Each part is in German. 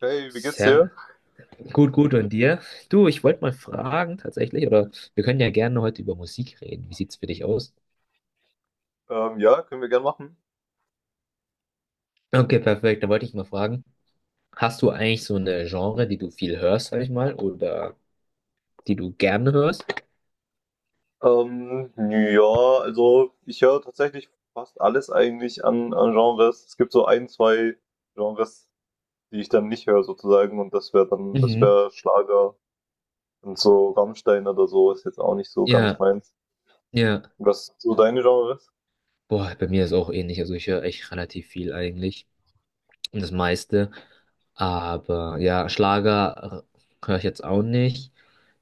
Hey, wie geht's dir? Sehr gut, gut. Und dir? Du, ich wollte mal fragen tatsächlich, oder wir können ja gerne heute über Musik reden. Wie sieht's für dich aus? Ja, können wir gern machen. Okay, perfekt. Da wollte ich mal fragen, hast du eigentlich so eine Genre, die du viel hörst, sag ich mal, oder die du gerne hörst? Ja, also ich höre tatsächlich fast alles eigentlich an Genres. Es gibt so ein, zwei Genres, die ich dann nicht höre sozusagen, und das wäre dann, das Mhm. wäre Schlager und so Rammstein oder so ist jetzt auch nicht so ganz Ja, meins. ja. Was sind so deine Genres? Boah, bei mir ist auch ähnlich. Also ich höre echt relativ viel eigentlich. Und das meiste. Aber ja, Schlager höre ich jetzt auch nicht.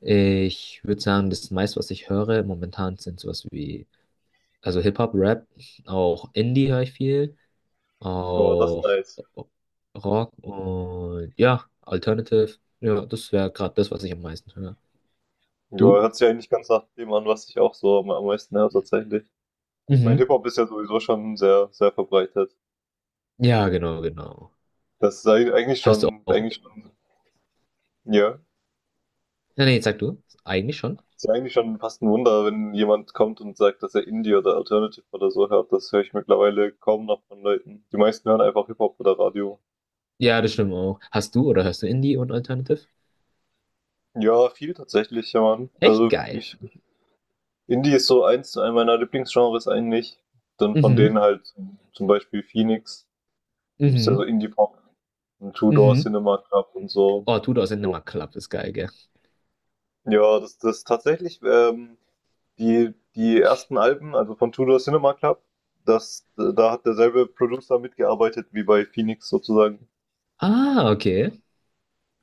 Ich würde sagen, das meiste, was ich höre momentan, sind sowas wie also Hip-Hop, Rap, auch Indie höre ich viel, Ja, das ist auch nice. Rock und ja, Alternative. Ja, das wäre gerade das, was ich am meisten höre. Ja, Du? hört sich eigentlich ganz nach dem an, was ich auch so am meisten höre Ja. tatsächlich. Ich meine, Mhm. Hip-Hop ist ja sowieso schon sehr, sehr verbreitet. Ja, genau, genau. Das ist eigentlich Hörst du schon, auch? eigentlich schon. Ja, Nee, nee, sag du. Eigentlich schon. ist ja eigentlich schon fast ein Wunder, wenn jemand kommt und sagt, dass er Indie oder Alternative oder so hört. Das höre ich mittlerweile kaum noch von Leuten. Die meisten hören einfach Hip-Hop oder Radio. Ja, das stimmt auch. Hast du oder hörst du Indie und Alternative? Ja, viel tatsächlich, ja, Mann. Echt Also, geil. ich. Indie ist so eins zu einem meiner Lieblingsgenres eigentlich. Dann von Mhm. denen halt zum Beispiel Phoenix. Ist ja so Mhm. Indie-Pop und Two Door Mhm. Cinema Club und so. Oh, Tudor sind Jo. immer Club, ist geil, gell? Ja, das tatsächlich, die ersten Alben, also von Tudor Cinema Club, da hat derselbe Producer mitgearbeitet wie bei Phoenix sozusagen. Ah, okay.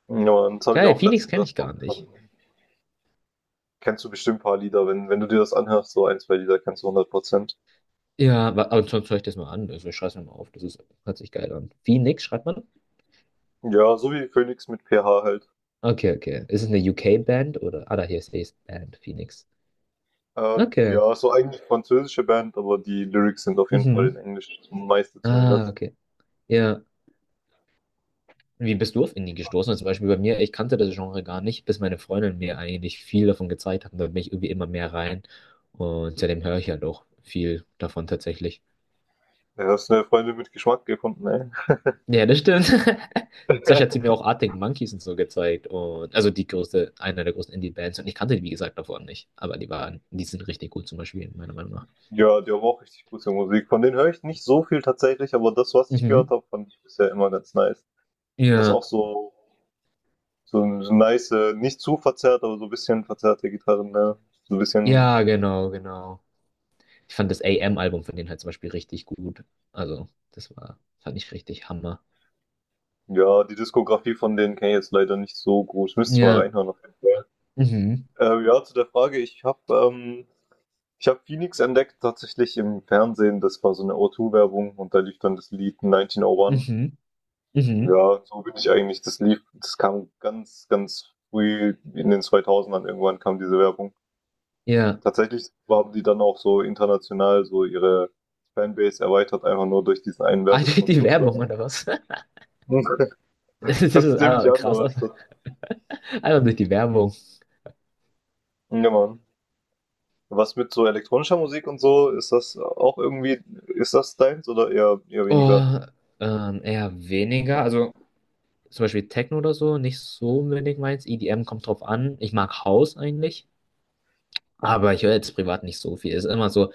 Ja, und das habe ich Geil, auch Phoenix letztens kenne ich erst mal gar nicht. gefunden. Kennst du bestimmt ein paar Lieder, wenn du dir das anhörst, so ein, zwei Lieder kennst du 100%. Ja, aber sonst höre ich das mal an. Also ich schreibe es mir mal auf. Das ist, hört sich geil an. Phoenix schreibt man? Ja, so wie Phoenix mit PH halt. Okay, okay. Ist es eine UK-Band oder? Ah, da hier ist es Band, Phoenix. Okay. Ja, so eigentlich französische Band, aber die Lyrics sind auf jeden Fall in Mhm. Englisch, meiste Ah, zumindest. okay. Ja. Wie bist du auf Indie gestoßen? Also zum Beispiel bei mir, ich kannte das Genre gar nicht, bis meine Freundin mir eigentlich viel davon gezeigt hat. Und da bin ich irgendwie immer mehr rein. Und seitdem höre ich halt auch viel davon tatsächlich. Ja, hast du eine Freundin mit Geschmack gefunden, ey. Ja, das stimmt. Sascha hat sie mir auch Arctic Monkeys und so gezeigt. Und, also die größte, eine der größten Indie-Bands. Und ich kannte die, wie gesagt, davon nicht. Aber die waren, die sind richtig gut zum Beispielen, meiner Meinung nach. Ja, die haben auch richtig gute Musik. Von denen höre ich nicht so viel tatsächlich, aber das, was ich gehört Mhm. habe, fand ich bisher immer ganz nice. Das ist Ja. auch so, so ein so nice, nicht zu verzerrt, aber so ein bisschen verzerrte Gitarren, ne? So ein bisschen, Ja, genau, genau. Ich fand das AM-Album von denen halt zum Beispiel richtig gut. Also, das war, fand ich richtig Hammer. ja. Die Diskografie von denen kenne ich jetzt leider nicht so groß. Müsste ich mal Ja. reinhören auf jeden Fall. Mhm. Ja, zu der Frage, ähm, ich habe Phoenix entdeckt tatsächlich im Fernsehen. Das war so eine O2-Werbung und da lief dann das Lied 1901. Mhm. Mhm. Ja, so bin ich eigentlich. Das kam ganz, ganz früh in den 2000ern, irgendwann kam diese Werbung. Ja. Tatsächlich haben die dann auch so international so ihre Fanbase erweitert, einfach nur durch diesen einen Ah, durch Werbespot die Werbung sozusagen. oder was? Das ist Hört sich ziemlich einfach an, krass. aber ist Einfach das. durch die Werbung. Ja, Mann. Was mit so elektronischer Musik und so, ist das auch irgendwie, ist das deins oder eher weniger? Oh, eher weniger. Also zum Beispiel Techno oder so nicht so unbedingt meins. EDM kommt drauf an. Ich mag House eigentlich, aber ich höre jetzt privat nicht so viel. Ist immer so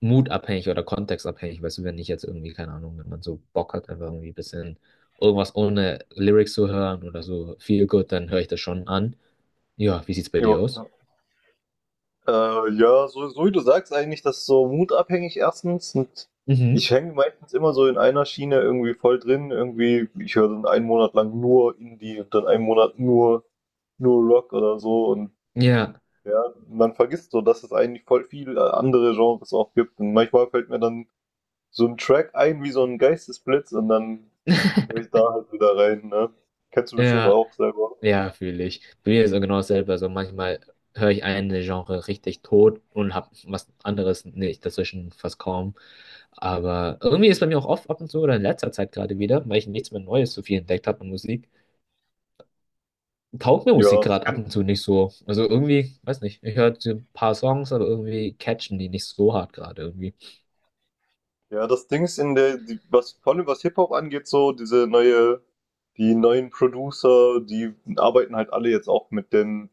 mutabhängig oder kontextabhängig. Weißt du, wenn ich jetzt irgendwie, keine Ahnung, wenn man so Bock hat, einfach irgendwie ein bisschen irgendwas ohne Lyrics zu hören oder so viel gut, dann höre ich das schon an. Ja, wie sieht's bei dir aus? Ja. Ja, so, so wie du sagst, eigentlich, das ist so mutabhängig erstens. Und Mhm. ich hänge meistens immer so in einer Schiene irgendwie voll drin. Irgendwie, ich höre dann einen Monat lang nur Indie und dann einen Monat nur Rock oder so. Und Ja. ja, man vergisst so, dass es eigentlich voll viel andere Genres auch gibt. Und manchmal fällt mir dann so ein Track ein wie so ein Geistesblitz und dann höre ich da halt wieder rein, ne? Kennst du bestimmt Ja, auch selber. ja, fühle ich. Bei mir ist es genau dasselbe. Also manchmal höre ich eine Genre richtig tot und habe was anderes nicht dazwischen fast kaum. Aber irgendwie ist bei mir auch oft ab und zu oder in letzter Zeit gerade wieder, weil ich nichts mehr Neues so viel entdeckt habe an Musik, taugt mir Musik Ja, das gerade ab kenn. und zu nicht so. Also irgendwie, weiß nicht, ich höre so ein paar Songs, aber irgendwie catchen die nicht so hart gerade irgendwie. Ja, das Ding ist, in der, die, was vor allem was Hip-Hop angeht, so diese neue, die neuen Producer, die arbeiten halt alle jetzt auch mit den,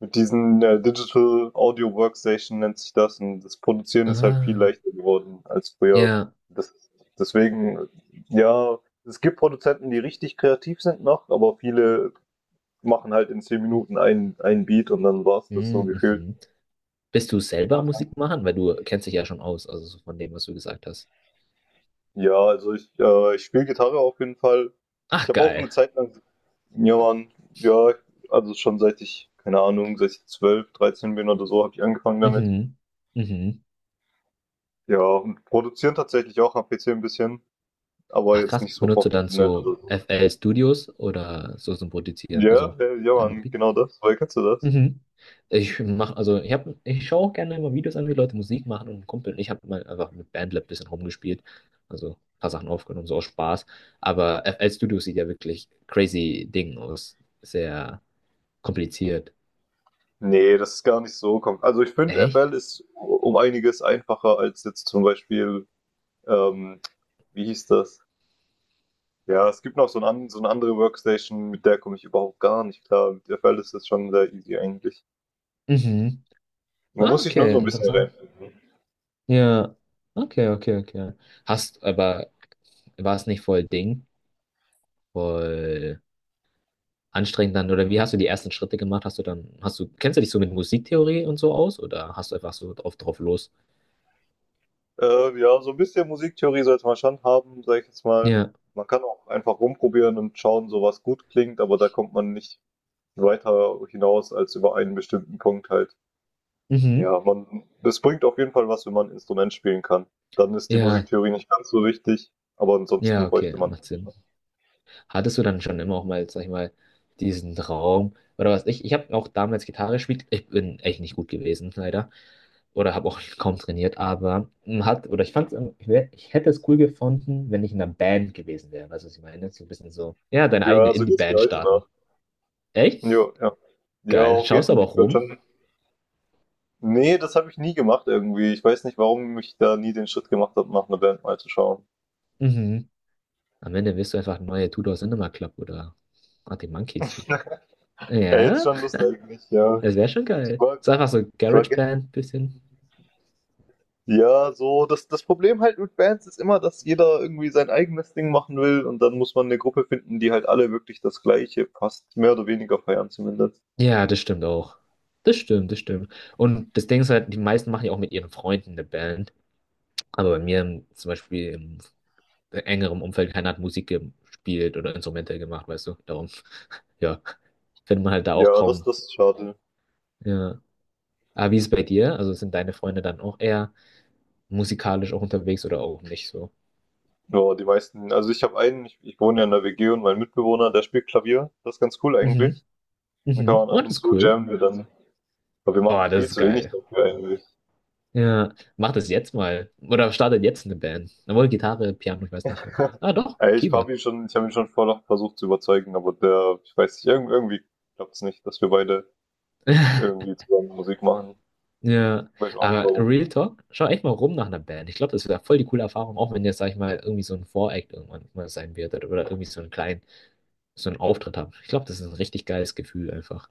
mit diesen Digital Audio Workstation nennt sich das, und das Produzieren ist halt viel Ah, leichter geworden als früher. ja. Das, deswegen, ja, es gibt Produzenten, die richtig kreativ sind noch, aber viele machen halt in 10 Minuten einen Beat und dann war's das so Mhm. gefühlt. mhm. Bist du selber Ja, Musik machen? Weil du kennst dich ja schon aus, also so von dem, was du gesagt hast. ja, also ich spiele Gitarre auf jeden Fall. Ich Ach, habe auch eine geil. Zeit lang, ja, Mann, ja, also schon seit ich, keine Ahnung, seit ich 12, 13 bin oder so, habe ich angefangen damit. Mhm. Mhm. Ja, und produzieren tatsächlich auch am PC 'n bisschen, aber Ach, jetzt krass. nicht so Benutzt du dann professionell so oder so. FL Studios oder so zum Produzieren? Ja, Also ja, ja, deine Mann, Beats? genau das. Woher kennst du das? Mhm. Ich mache, also ich habe, ich schaue auch gerne immer Videos an, wie Leute Musik machen und ein Kumpel ich habe mal einfach mit BandLab ein bisschen rumgespielt, also ein paar Sachen aufgenommen, so aus Spaß. Aber F L Studio sieht ja wirklich crazy Ding aus, sehr kompliziert. Ne, das ist gar nicht so kom, also ich finde, Echt? FL ist um einiges einfacher als jetzt zum Beispiel, ähm wie hieß das? Ja, es gibt noch so ein an so 'ne andere Workstation, mit der komme ich überhaupt gar nicht klar. Mit der FL ist das schon sehr easy eigentlich. Mhm. Man Ah, muss sich nur so okay, ein bisschen interessant. reinfinden. Ja, okay, okay, okay. Aber war es nicht voll anstrengend dann, oder wie hast du die ersten Schritte gemacht? Hast du dann, hast du, kennst du dich so mit Musiktheorie und so aus oder hast du einfach so drauf los? Ja, so ein bisschen Musiktheorie sollte man schon haben, sage ich jetzt mal. Ja, Man kann auch einfach rumprobieren und schauen, so was gut klingt, aber da kommt man nicht weiter hinaus als über einen bestimmten Punkt halt. mhm. Ja, man, es bringt auf jeden Fall was, wenn man ein Instrument spielen kann. Dann ist die Ja, Musiktheorie nicht ganz so wichtig, aber ansonsten ja, bräuchte okay, man. macht Sinn. Hattest du dann schon immer auch mal, sag ich mal, diesen Traum oder was? Ich habe auch damals Gitarre gespielt. Ich bin echt nicht gut gewesen, leider. Oder habe auch kaum trainiert, aber man hat, oder ich fand's, ich hätte es cool gefunden, wenn ich in einer Band gewesen wäre. Weißt du, was ich meine? So ein bisschen so, ja, deine eigene Ja, so geht's mir Indie-Band heute starten. Nacht. Echt? Jo, ja. Ja, Geil. auf Schaust jeden aber Fall. auch Ich würde rum. schon. Nee, das habe ich nie gemacht irgendwie. Ich weiß nicht, warum ich da nie den Schritt gemacht habe, nach einer Band mal zu schauen. Mhm. Am Ende wirst du einfach neue Tudor Cinema Club oder ah, die Monkeys. Ja, jetzt Ja, schon Lust eigentlich, ja. das wäre schon Ich geil. war, So einfach so ich war gest- GarageBand bisschen. ja, so, das Problem halt mit Bands ist immer, dass jeder irgendwie sein eigenes Ding machen will und dann muss man eine Gruppe finden, die halt alle wirklich das Gleiche passt. Mehr oder weniger feiern zumindest. Ja, das stimmt auch. Das stimmt, das stimmt. Und das Ding ist halt, die meisten machen ja auch mit ihren Freunden eine Band. Aber bei mir im, zum Beispiel im engeren Umfeld, keiner hat Musik gespielt oder Instrumente gemacht, weißt du. Darum, ja, findet man halt da auch Ja, das, kaum. das ist schade. Ja. Aber wie ist es bei dir? Also sind deine Freunde dann auch eher musikalisch auch unterwegs oder auch nicht so? Ja, die meisten, also ich habe einen, ich wohne ja in der WG und mein Mitbewohner, der spielt Klavier. Das ist ganz cool Mhm, eigentlich. Dann kann mhm. man Oh, ab das und ist zu cool. jammen wir dann. Aber wir Boah, machen das viel ist zu wenig geil. dafür eigentlich. Ja, mach das jetzt mal. Oder startet jetzt eine Band. Obwohl Gitarre, Piano, ich weiß nicht. Ob das, ah, doch, Ey, ich Keyboard. habe ihn schon, ich habe ihn schon vorher versucht zu überzeugen, aber der, ich weiß nicht, irgendwie klappt es nicht, dass wir beide irgendwie zusammen Musik machen. Ja, Ich weiß auch nicht aber warum. Real Talk, schau echt mal rum nach einer Band. Ich glaube, das wäre voll die coole Erfahrung, auch wenn jetzt, sag ich mal, irgendwie so ein Voreact irgendwann mal sein wird oder irgendwie so einen Auftritt haben. Ich glaube, das ist ein richtig geiles Gefühl einfach.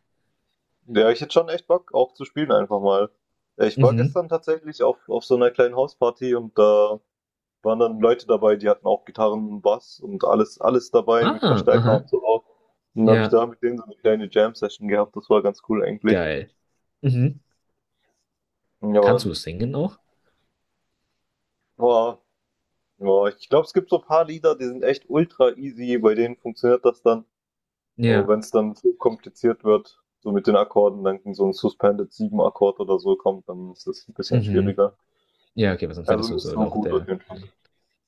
Ja, ich hätte schon echt Bock, auch zu spielen einfach mal. Ich war Mhm. gestern tatsächlich auf so einer kleinen Hausparty, und da waren dann Leute dabei, die hatten auch Gitarren, Bass und alles, alles dabei, Ah, mit Verstärker aha. und so auch. Und dann habe ich Ja, da mit denen so eine kleine Jam-Session gehabt, das war ganz cool eigentlich. geil. Mhm. Ja, Kannst Mann. du singen auch? Ja, ich glaube, es gibt so ein paar Lieder, die sind echt ultra easy, bei denen funktioniert das dann. Aber Ja. wenn es dann zu kompliziert wird, so mit den Akkorden, dann so ein Suspended 7 Akkord oder so kommt, dann ist das ein bisschen Mhm. schwieriger. Ja, okay, weil sonst Also hättest du nicht so so auch gut auf jeden Fall.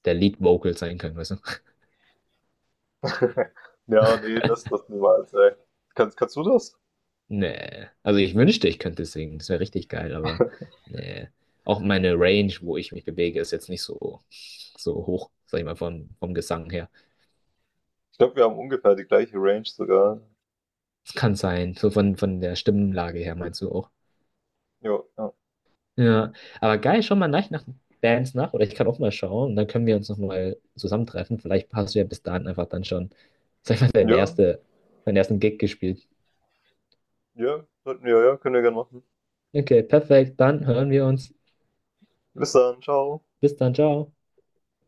der Lead Vocal sein können, weißt du? Ja, nee, das niemals, ey. Kannst du das? Nee. Also ich wünschte, ich könnte singen. Das wäre richtig geil, aber nee. Auch meine Range, wo ich mich bewege, ist jetzt nicht so, so hoch, sag ich mal, vom Gesang her. Ich glaube, wir haben ungefähr die gleiche Range sogar. Es kann sein. So von der Stimmlage her meinst du auch. Ja, ja. Ja. Aber geil, schau mal nach, nach Bands nach. Oder ich kann auch mal schauen. Und dann können wir uns nochmal zusammentreffen. Vielleicht hast du ja bis dahin einfach dann schon, sag ich mal, Ja, deinen ersten Gig gespielt. ja, sollten wir, ja, können wir gerne machen. Okay, perfekt. Dann hören wir uns. Bis dann, ciao. Bis dann, ciao.